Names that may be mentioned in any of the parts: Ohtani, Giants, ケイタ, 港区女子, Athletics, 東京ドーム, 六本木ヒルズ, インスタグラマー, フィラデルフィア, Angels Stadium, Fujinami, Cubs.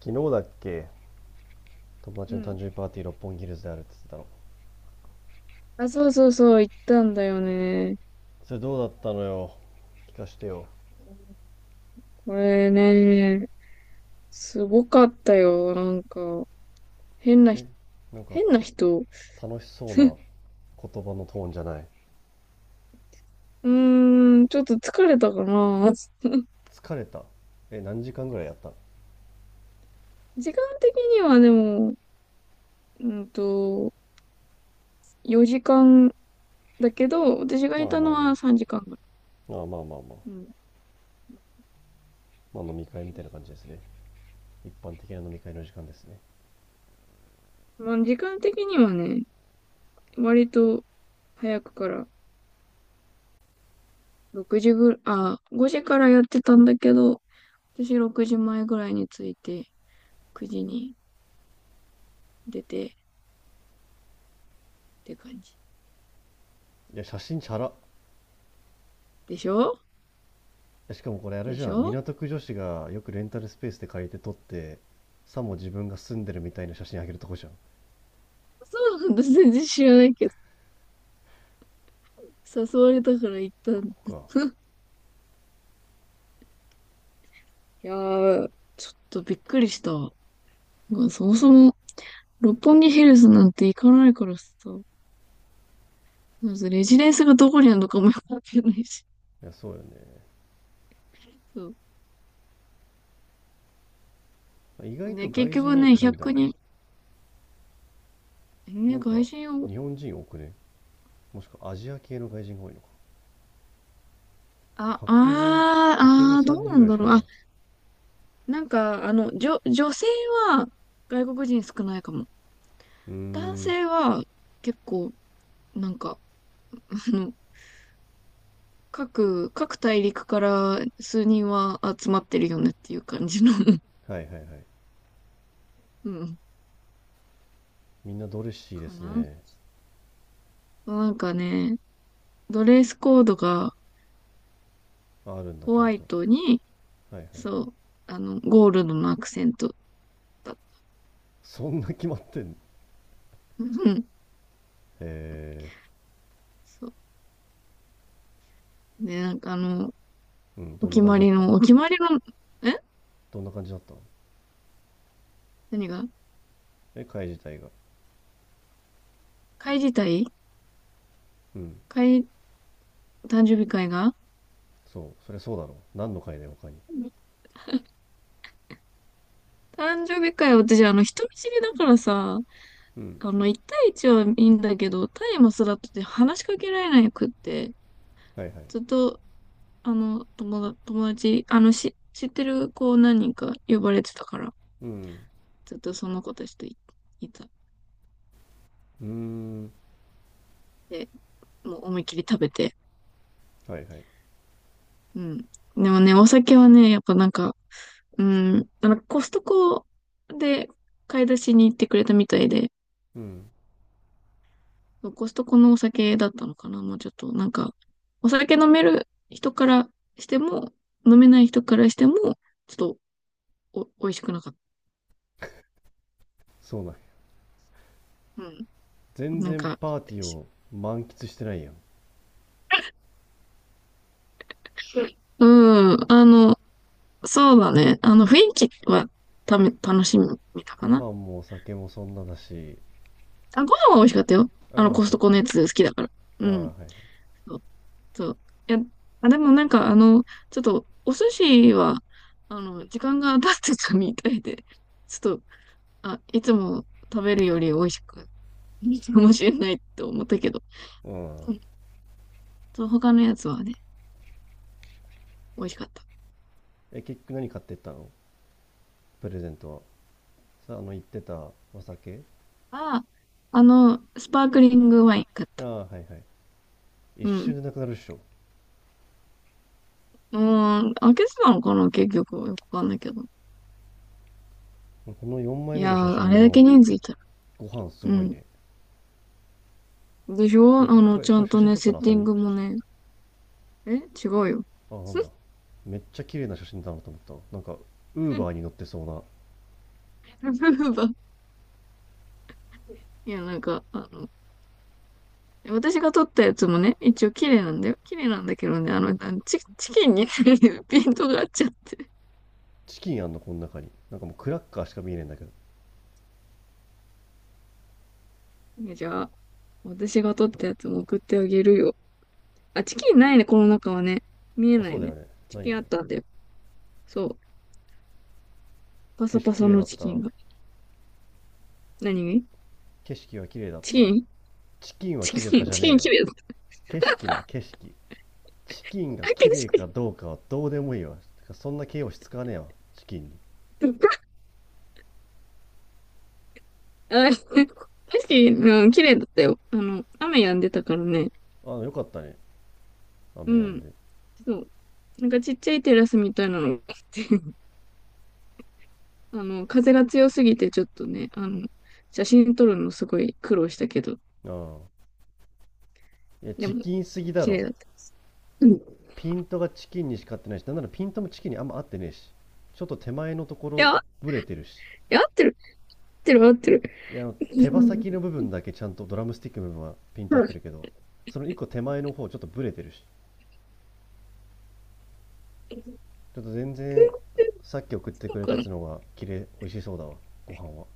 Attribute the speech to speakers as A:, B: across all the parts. A: 昨日だっけ？友達
B: う
A: の誕
B: ん。
A: 生日パーティー六本木ヒルズであるって言ってたの？
B: あ、そうそうそう、行ったんだよね。
A: それどうだったのよ。聞かしてよ。
B: これね、すごかったよ。なんか、変な
A: え、
B: ひ、
A: なんか
B: 変な人。
A: 楽しそうな言葉のトーンじゃない？
B: うーん、ちょっと疲れたかな。
A: 疲れた？え、何時間ぐらいやったの？
B: 時間的にはでも、うんと、4時間だけど、私が
A: まあ
B: いた
A: ま
B: の
A: あまあ
B: は3時間ぐら
A: まあ、まあまあまあ
B: い。うん。
A: まあ、飲み会みたいな感じですね。一般的な飲み会の時間ですね。
B: まあ、時間的にはね、割と早くから、6時ぐらい、あ、5時からやってたんだけど、私6時前ぐらいに着いて、9時に出てって感じ。
A: いや、写真チャラ。
B: でしょ、
A: しかもこれあれ
B: で
A: じ
B: し
A: ゃん、
B: ょ。
A: 港区女子がよくレンタルスペースで借りて撮って、さも自分が住んでるみたいな写真あげるとこじゃん。
B: そうなんだ。全然知らないけど。誘われたから行った
A: こ
B: んだ。
A: こか。
B: いやー、ちょっとびっくりした。まあ、そもそも、六本木ヒルズなんて行かないからさ。まずレジデンスがどこにあるのかもよくわかんないし。
A: いや、そうよね。
B: そう。
A: 意外と
B: ね、結
A: 外
B: 局
A: 人多
B: ね、
A: くないんだな。
B: 100人、ね、
A: なんか、
B: 外人を、
A: 日本人多くね？もしくはアジア系の外人が多いのか。
B: あ、
A: 白人白人
B: ど
A: 3
B: う
A: 人
B: な
A: ぐ
B: ん
A: らい
B: だ
A: しか
B: ろう。
A: いな
B: あ、
A: い。
B: なんか、女性は外国人少ないかも。
A: うー
B: 男
A: ん。
B: 性は結構、なんか、あの各大陸から数人は集まってるよねっていう感じの。
A: はいはいはい。
B: うん、
A: みんなドレッシーで
B: か
A: す
B: な。
A: ね。
B: なんかね、ドレスコードが
A: ああるんだ、
B: ホ
A: ちゃん
B: ワイ
A: とは
B: トに、
A: いはいはい。
B: そう、ゴールドのアクセントだっ
A: そんな決まってんの？
B: た。うん。
A: え
B: そう。で、なんか
A: ー、うん、どんな感じだったの？
B: お決まりの。え。
A: どんな感じだったの？
B: 何が？
A: え、会自体が。
B: 会自体。
A: うん。
B: 会、誕生日会が
A: そう、そりゃそうだろう、何の会だよ他に。
B: 誕生日会。私、人見知りだからさ、
A: うん。
B: 1対1はいいんだけど、タイマスだとて話しかけられなくって、
A: はいはい。
B: ずっと、友達、知ってる子何人か呼ばれてたから、
A: うん。
B: ずっとその子たちといた。
A: うーん。
B: で、もう思いっきり食べて。
A: はいはい。
B: うん。でもね、お酒はね、やっぱなんか、うん、なんかコストコで買い出しに行ってくれたみたいで、
A: うん。
B: コストコのお酒だったのかな、もうちょっと。なんか、お酒飲める人からしても、飲めない人からしても、ちょっと美味しくなかっ
A: そうなんや。
B: た。うん。
A: 全
B: なん
A: 然
B: か、
A: パーティーを満喫してないやん。
B: うん。そうだね。雰囲気は楽しみたか
A: ご
B: な。
A: 飯もお酒もそんなだし、
B: あ、ご飯は美味しかったよ。
A: あ、美味
B: コ
A: し
B: ス
A: かっ
B: トコ
A: た。あ
B: のやつ好きだから。
A: あ、
B: う
A: は
B: ん。
A: いはい。
B: そう、そう。いや、あ、でもなんか、ちょっと、お寿司は、時間が経ってたみたいで、ちょっと、あ、いつも食べるより美味しく、いいかもしれないって思ったけど。
A: うん。
B: うん。そう、他のやつはね、美味しかった。
A: え、結局何買ってったの、プレゼントは。さあ、あの、言ってたお酒。
B: あ、スパークリングワイン買っ
A: あ
B: た。
A: あ、はいはい。一
B: う
A: 瞬
B: ん。
A: でなくなるっしょ。
B: うーん、開けてたのかな、結局。よくわかんないけど。
A: この4枚
B: い
A: 目
B: や
A: の写
B: ー、あ
A: 真
B: れだ
A: の
B: け人数いたら。
A: ご飯す
B: う
A: ごい
B: ん。
A: ね。
B: でしょ。
A: なんか、これ、
B: ちゃ
A: これ
B: ん
A: 写
B: と
A: 真
B: ね、
A: 撮っ
B: セ
A: た
B: ッ
A: のあ
B: テ
A: さ
B: ィン
A: み？
B: グもね。え、違うよ。
A: あ、なんだ。めっちゃ綺麗な写真だなと思った。なんか、ウーバーに乗ってそうな。
B: いや、なんか、私が撮ったやつもね、一応綺麗なんだよ。綺麗なんだけどね、チキンに ピントが合っちゃって。
A: チキンあんの、この中に。なんかもうクラッカーしか見えねえんだけど。
B: ね、じゃあ、私が撮ったやつも送ってあげるよ。あ、チキンないね、この中はね。見え
A: あ、
B: な
A: そ
B: い
A: うだよ
B: ね。
A: ね。
B: チ
A: ない
B: キ
A: よ
B: ン
A: ね。
B: あったんだよ。そう。パ
A: 景
B: サ
A: 色
B: パ
A: 綺
B: サ
A: 麗だ
B: の
A: っ
B: チキ
A: た？
B: ンが。何？
A: 景色は綺麗だっ
B: チ
A: た？
B: キン
A: チキンは綺麗だったじゃ
B: チ
A: ね
B: キ
A: え
B: ン
A: よ。
B: 綺麗だっ
A: 景色な、景色。チキンが
B: た。あ、
A: 綺
B: 景
A: 麗か
B: 色。
A: どうかはどうでもいいわ、てか、そんな形容詞使わねえわ。チキンに。
B: あ、景色、うん、綺麗だったよ。雨止んでたからね。
A: あ、よかったね、雨
B: う
A: 止ん
B: ん。
A: で。
B: そう。なんかちっちゃいテラスみたいなのがあって、風が強すぎてちょっとね、写真撮るのすごい苦労したけど、
A: ああ、いや、
B: で
A: チ
B: も、
A: キンすぎだ
B: 綺麗
A: ろ。
B: だった。うん。い
A: ピントがチキンにしか合ってないし、なんならピントもチキンにあんま合ってねえし、ちょっと手前のところ
B: や、
A: ブレてるし。
B: いや、合ってる、合ってる、合ってる。
A: いや、あの手
B: う
A: 羽
B: ん。
A: 先の部分だけ、ちゃんとドラムスティックの部分はピント合ってるけど、その一個手前の方ちょっとブレてるし、ちょっと全然。さっき送って
B: そ
A: く
B: う
A: れた
B: か
A: や
B: な。
A: つの方が綺麗、美味しそうだわ、ご飯は。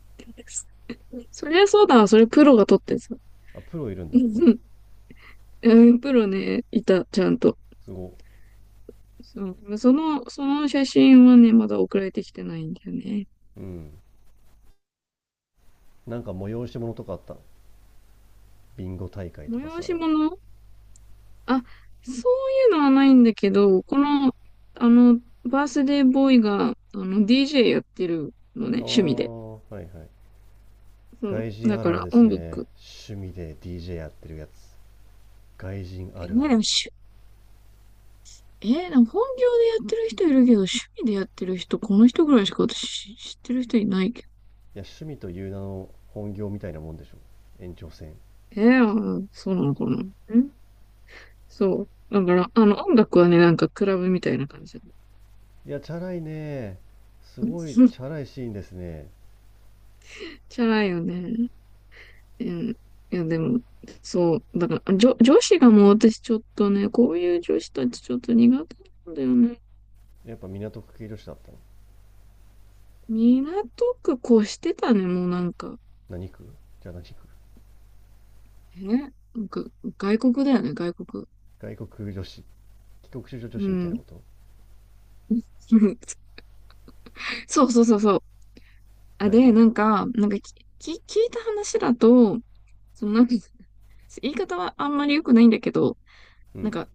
B: そりゃそうだな、それプロが撮ってさ。
A: あ、プロいるんだ
B: う
A: ここに？
B: ん。うん、プロね、いた、ちゃんと。
A: すごい。
B: そう、その写真はね、まだ送られてきてないんだよね。
A: うん。なんか催し物とかあったの、ビンゴ大会とか
B: 催
A: さ。あ
B: し物？あ、そういうのはないんだけど、この、バースデーボーイが、DJ やってるのね、
A: あ、
B: 趣味で。
A: はいはい。
B: そう。
A: 外人
B: だ
A: ある
B: か
A: ある
B: ら
A: です
B: 音
A: ね。
B: 楽。
A: 趣味で DJ やってるやつ。外人あ
B: え、
A: るあ
B: ね、で
A: る。
B: もしゅ、えー、でも本業でやってる人いるけど、趣味でやってる人、この人ぐらいしか私知ってる人いないけど。
A: いや、趣味という名の本業みたいなもんでしょ。延長線。
B: あ、そうなのかな。ん、そう。だから、音楽はね、なんかクラブみたいな感じだね。
A: いや、チャラいね。すごいチャ ラいシーンですね。
B: じゃないよね。うん。いや、でも、そう、だから、女子がもう私ちょっとね、こういう女子たちちょっと苦手なんだよね。
A: やっぱ港区系女子だったの？
B: 港区越してたね、もうなんか。
A: 何区？じゃあ何区？
B: なんか、外国だよね、外国。
A: 外国女子。帰国子女女
B: う
A: 子みたいな
B: ん。
A: こと？
B: そうそうそうそう。あ、
A: はいはい。
B: で、なんか、なんか聞いた話だと、そのなんか、言い方はあんまり良くないんだけど、
A: う
B: なん
A: ん。
B: か、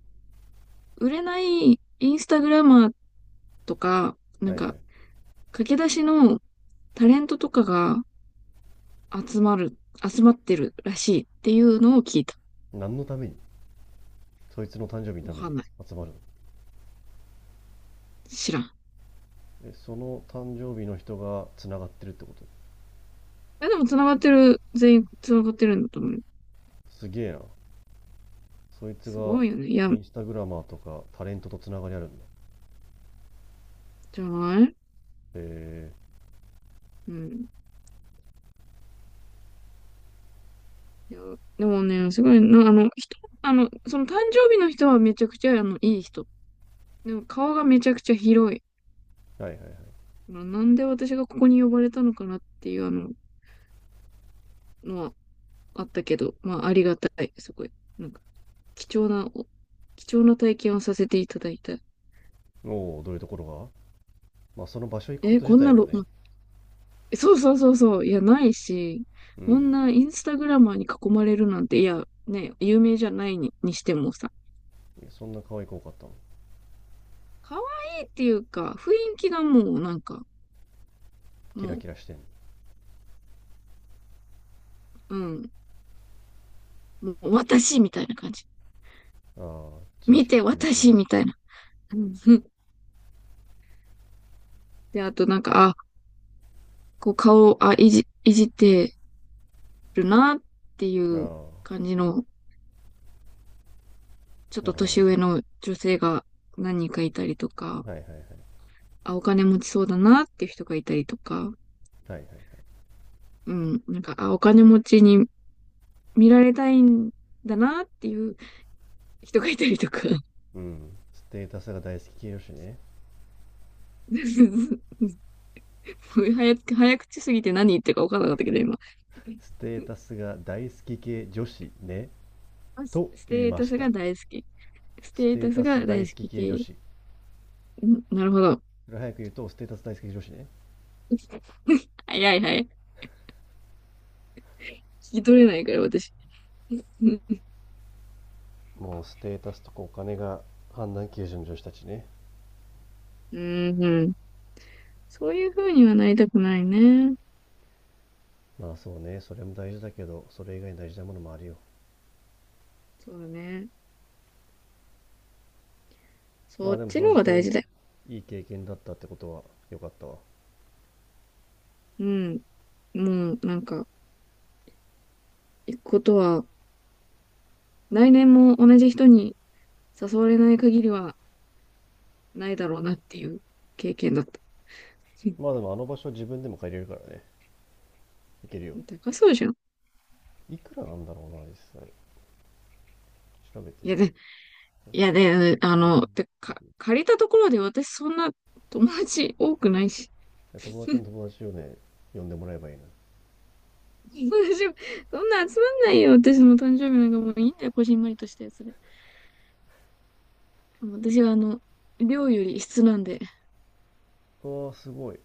B: 売れないインスタグラマーとか、なん
A: はいはい。
B: か、駆け出しのタレントとかが、集まる、集まってるらしいっていうのを聞いた。
A: 何のために？そいつの誕生日のた
B: わ
A: め
B: か
A: に
B: んない。
A: 集まるの？
B: 知らん。
A: でその誕生日の人がつながってるってこと？
B: え、でも繋がってる、全員繋がってるんだと思う。
A: すげえな、そいつ
B: す
A: が。
B: ごいよね。いや、
A: インスタグラマーとかタレントとつながりあるんだ。
B: じゃない。
A: えー。
B: うん。いや、でもね、すごいな。あの、人、あの、その誕生日の人はめちゃくちゃ、いい人。でも顔がめちゃくちゃ広い。
A: はいはいはい。
B: まあなんで私がここに呼ばれたのかなっていう、のはあったけど、まあ、ありがたい。すごい。なんか、貴重な、貴重な体験をさせていただいた。
A: おお、どういうところが。まあその場所行くこ
B: え、
A: と自
B: こん
A: 体
B: な
A: も
B: ろ
A: ね。
B: そうそうそうそう。いや、ないし、
A: う
B: こ
A: ん。
B: んなインスタグラマーに囲まれるなんて、いや、ね、有名じゃないにしてもさ、
A: そんな可愛く多かったの？
B: 可愛いっていうか、雰囲気がもうなんか、
A: キラ
B: も
A: キラしてんの？
B: うん、もう私みたいな感じ。
A: ああ、自意
B: 見
A: 識
B: て、
A: 強い系。
B: 私みたいな。うん。 で、あとなんか、あ、こう顔、あ、いじ、いじってるなっていう
A: ああ、
B: 感じの、ちょっ
A: な
B: と
A: るほど
B: 年
A: ね。
B: 上の女性が何人かいたりとか、
A: はいはいはいはい。
B: あ、お金持ちそうだなっていう人がいたりとか、
A: はいはい。
B: うん、なんか、あ、お金持ちに見られたいんだなっていう人がいたりとか。
A: うん、ステータスが大好き系女子ね。
B: もう早く、早口すぎて何言ってるか分からなかったけど、今。
A: ステータスが大好き系女子ねと
B: ス
A: 言い
B: テー
A: ま
B: タ
A: し
B: スが
A: た。
B: 大好き。ス
A: ス
B: テー
A: テー
B: タス
A: タス
B: が大
A: 大
B: 好
A: 好き
B: き
A: 系女
B: 系。
A: 子。
B: ん、なるほど。
A: それ早く言うとステータス大好き女子ね。
B: 早い早い。聞き取れないから、私。うん
A: もうステータスとかお金が判断基準の女子たちね。
B: うん。そういう風にはなりたくないね。
A: まあそうね、それも大事だけどそれ以外に大事なものもあるよ。
B: そうだね。
A: ま
B: そ
A: あ
B: っ
A: でも
B: ちの
A: 総
B: 方
A: じ
B: が大
A: て
B: 事だよ。
A: いい経験だったってことは、良かったわ。
B: うん。もう、なんか、行くことは、来年も同じ人に誘われない限りは、ないだろうなっていう経験だった。
A: まあでもあの場所は自分でも借りれるからね、行けるよ。
B: 高そうじゃん。
A: いくらなんだろうな、実際。調べて
B: いや
A: みよ。
B: で、いやで、
A: う
B: 借りたところで私そんな友達多くないし。
A: うん、友達の友達をね、呼んでもらえばいいな。
B: 友達、そんな集まんないよ。私の誕生日なんかもういいんだよ。こじんまりとしたやつで。私は量より質なんで。
A: ああ、すごい。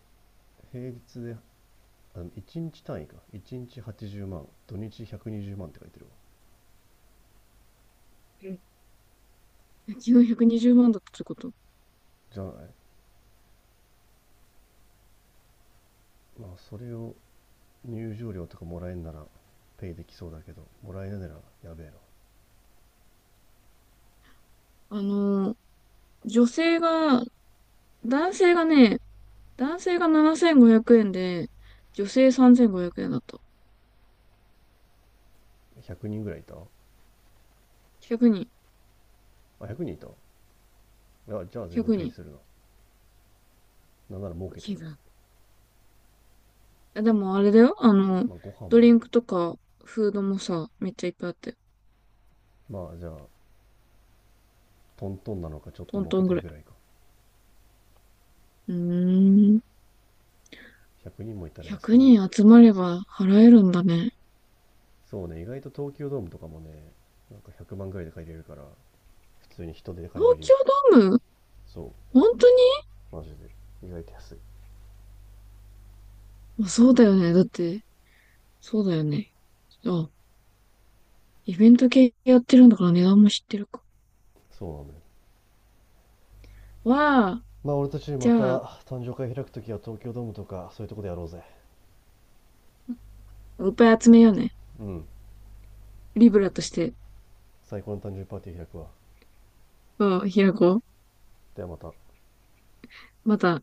A: 平日で、あ、1日単位か。1日80万、土日120万って書いてるわ。
B: 昨日120万だったってこと？
A: じゃない？まあそれを入場料とかもらえんならペイできそうだけど、もらえないならやべえ
B: あの、女性が、男性がね、男性が7500円で、女性3500円だった。
A: な。100人ぐらいいたあ、
B: 1人、
A: 100人いた、いや、じゃあ全然
B: 100
A: ペイ
B: 人。
A: するな。なんなら儲
B: 大
A: けて
B: き
A: ん
B: い
A: な。
B: な。でもあれだよ。
A: まあご飯
B: ド
A: もあ
B: リ
A: る。
B: ンクとか、フードもさ、めっちゃいっぱいあって、
A: まあじゃあ、トントンなのかちょっと
B: トン
A: 儲け
B: トン
A: て
B: ぐ
A: る
B: らい。
A: ぐらいか。
B: うーん。
A: 100人もいたら安く
B: 100
A: なるな。
B: 人集まれば払えるんだね。
A: そうね、意外と東京ドームとかもね、なんか100万ぐらいで借りれるから、普通に人手で借り
B: 東
A: れるよ。
B: 京ドーム。
A: そ
B: 本当に？
A: う、マジで。意外と安い。
B: まあそうだよね。だって、そうだよね。あ、イベント系やってるんだから値段も知ってるか。
A: そうなんだよ。
B: わあ、
A: まあ俺たち
B: じ
A: また
B: ゃあ、
A: 誕生会開くときは東京ドームとかそういうとこでやろうぜ。
B: いっぱい集めようね。
A: うん。
B: リブラとして、
A: 最高の誕生日パーティー開くわ。
B: うん、開こう。
A: ではまた。
B: また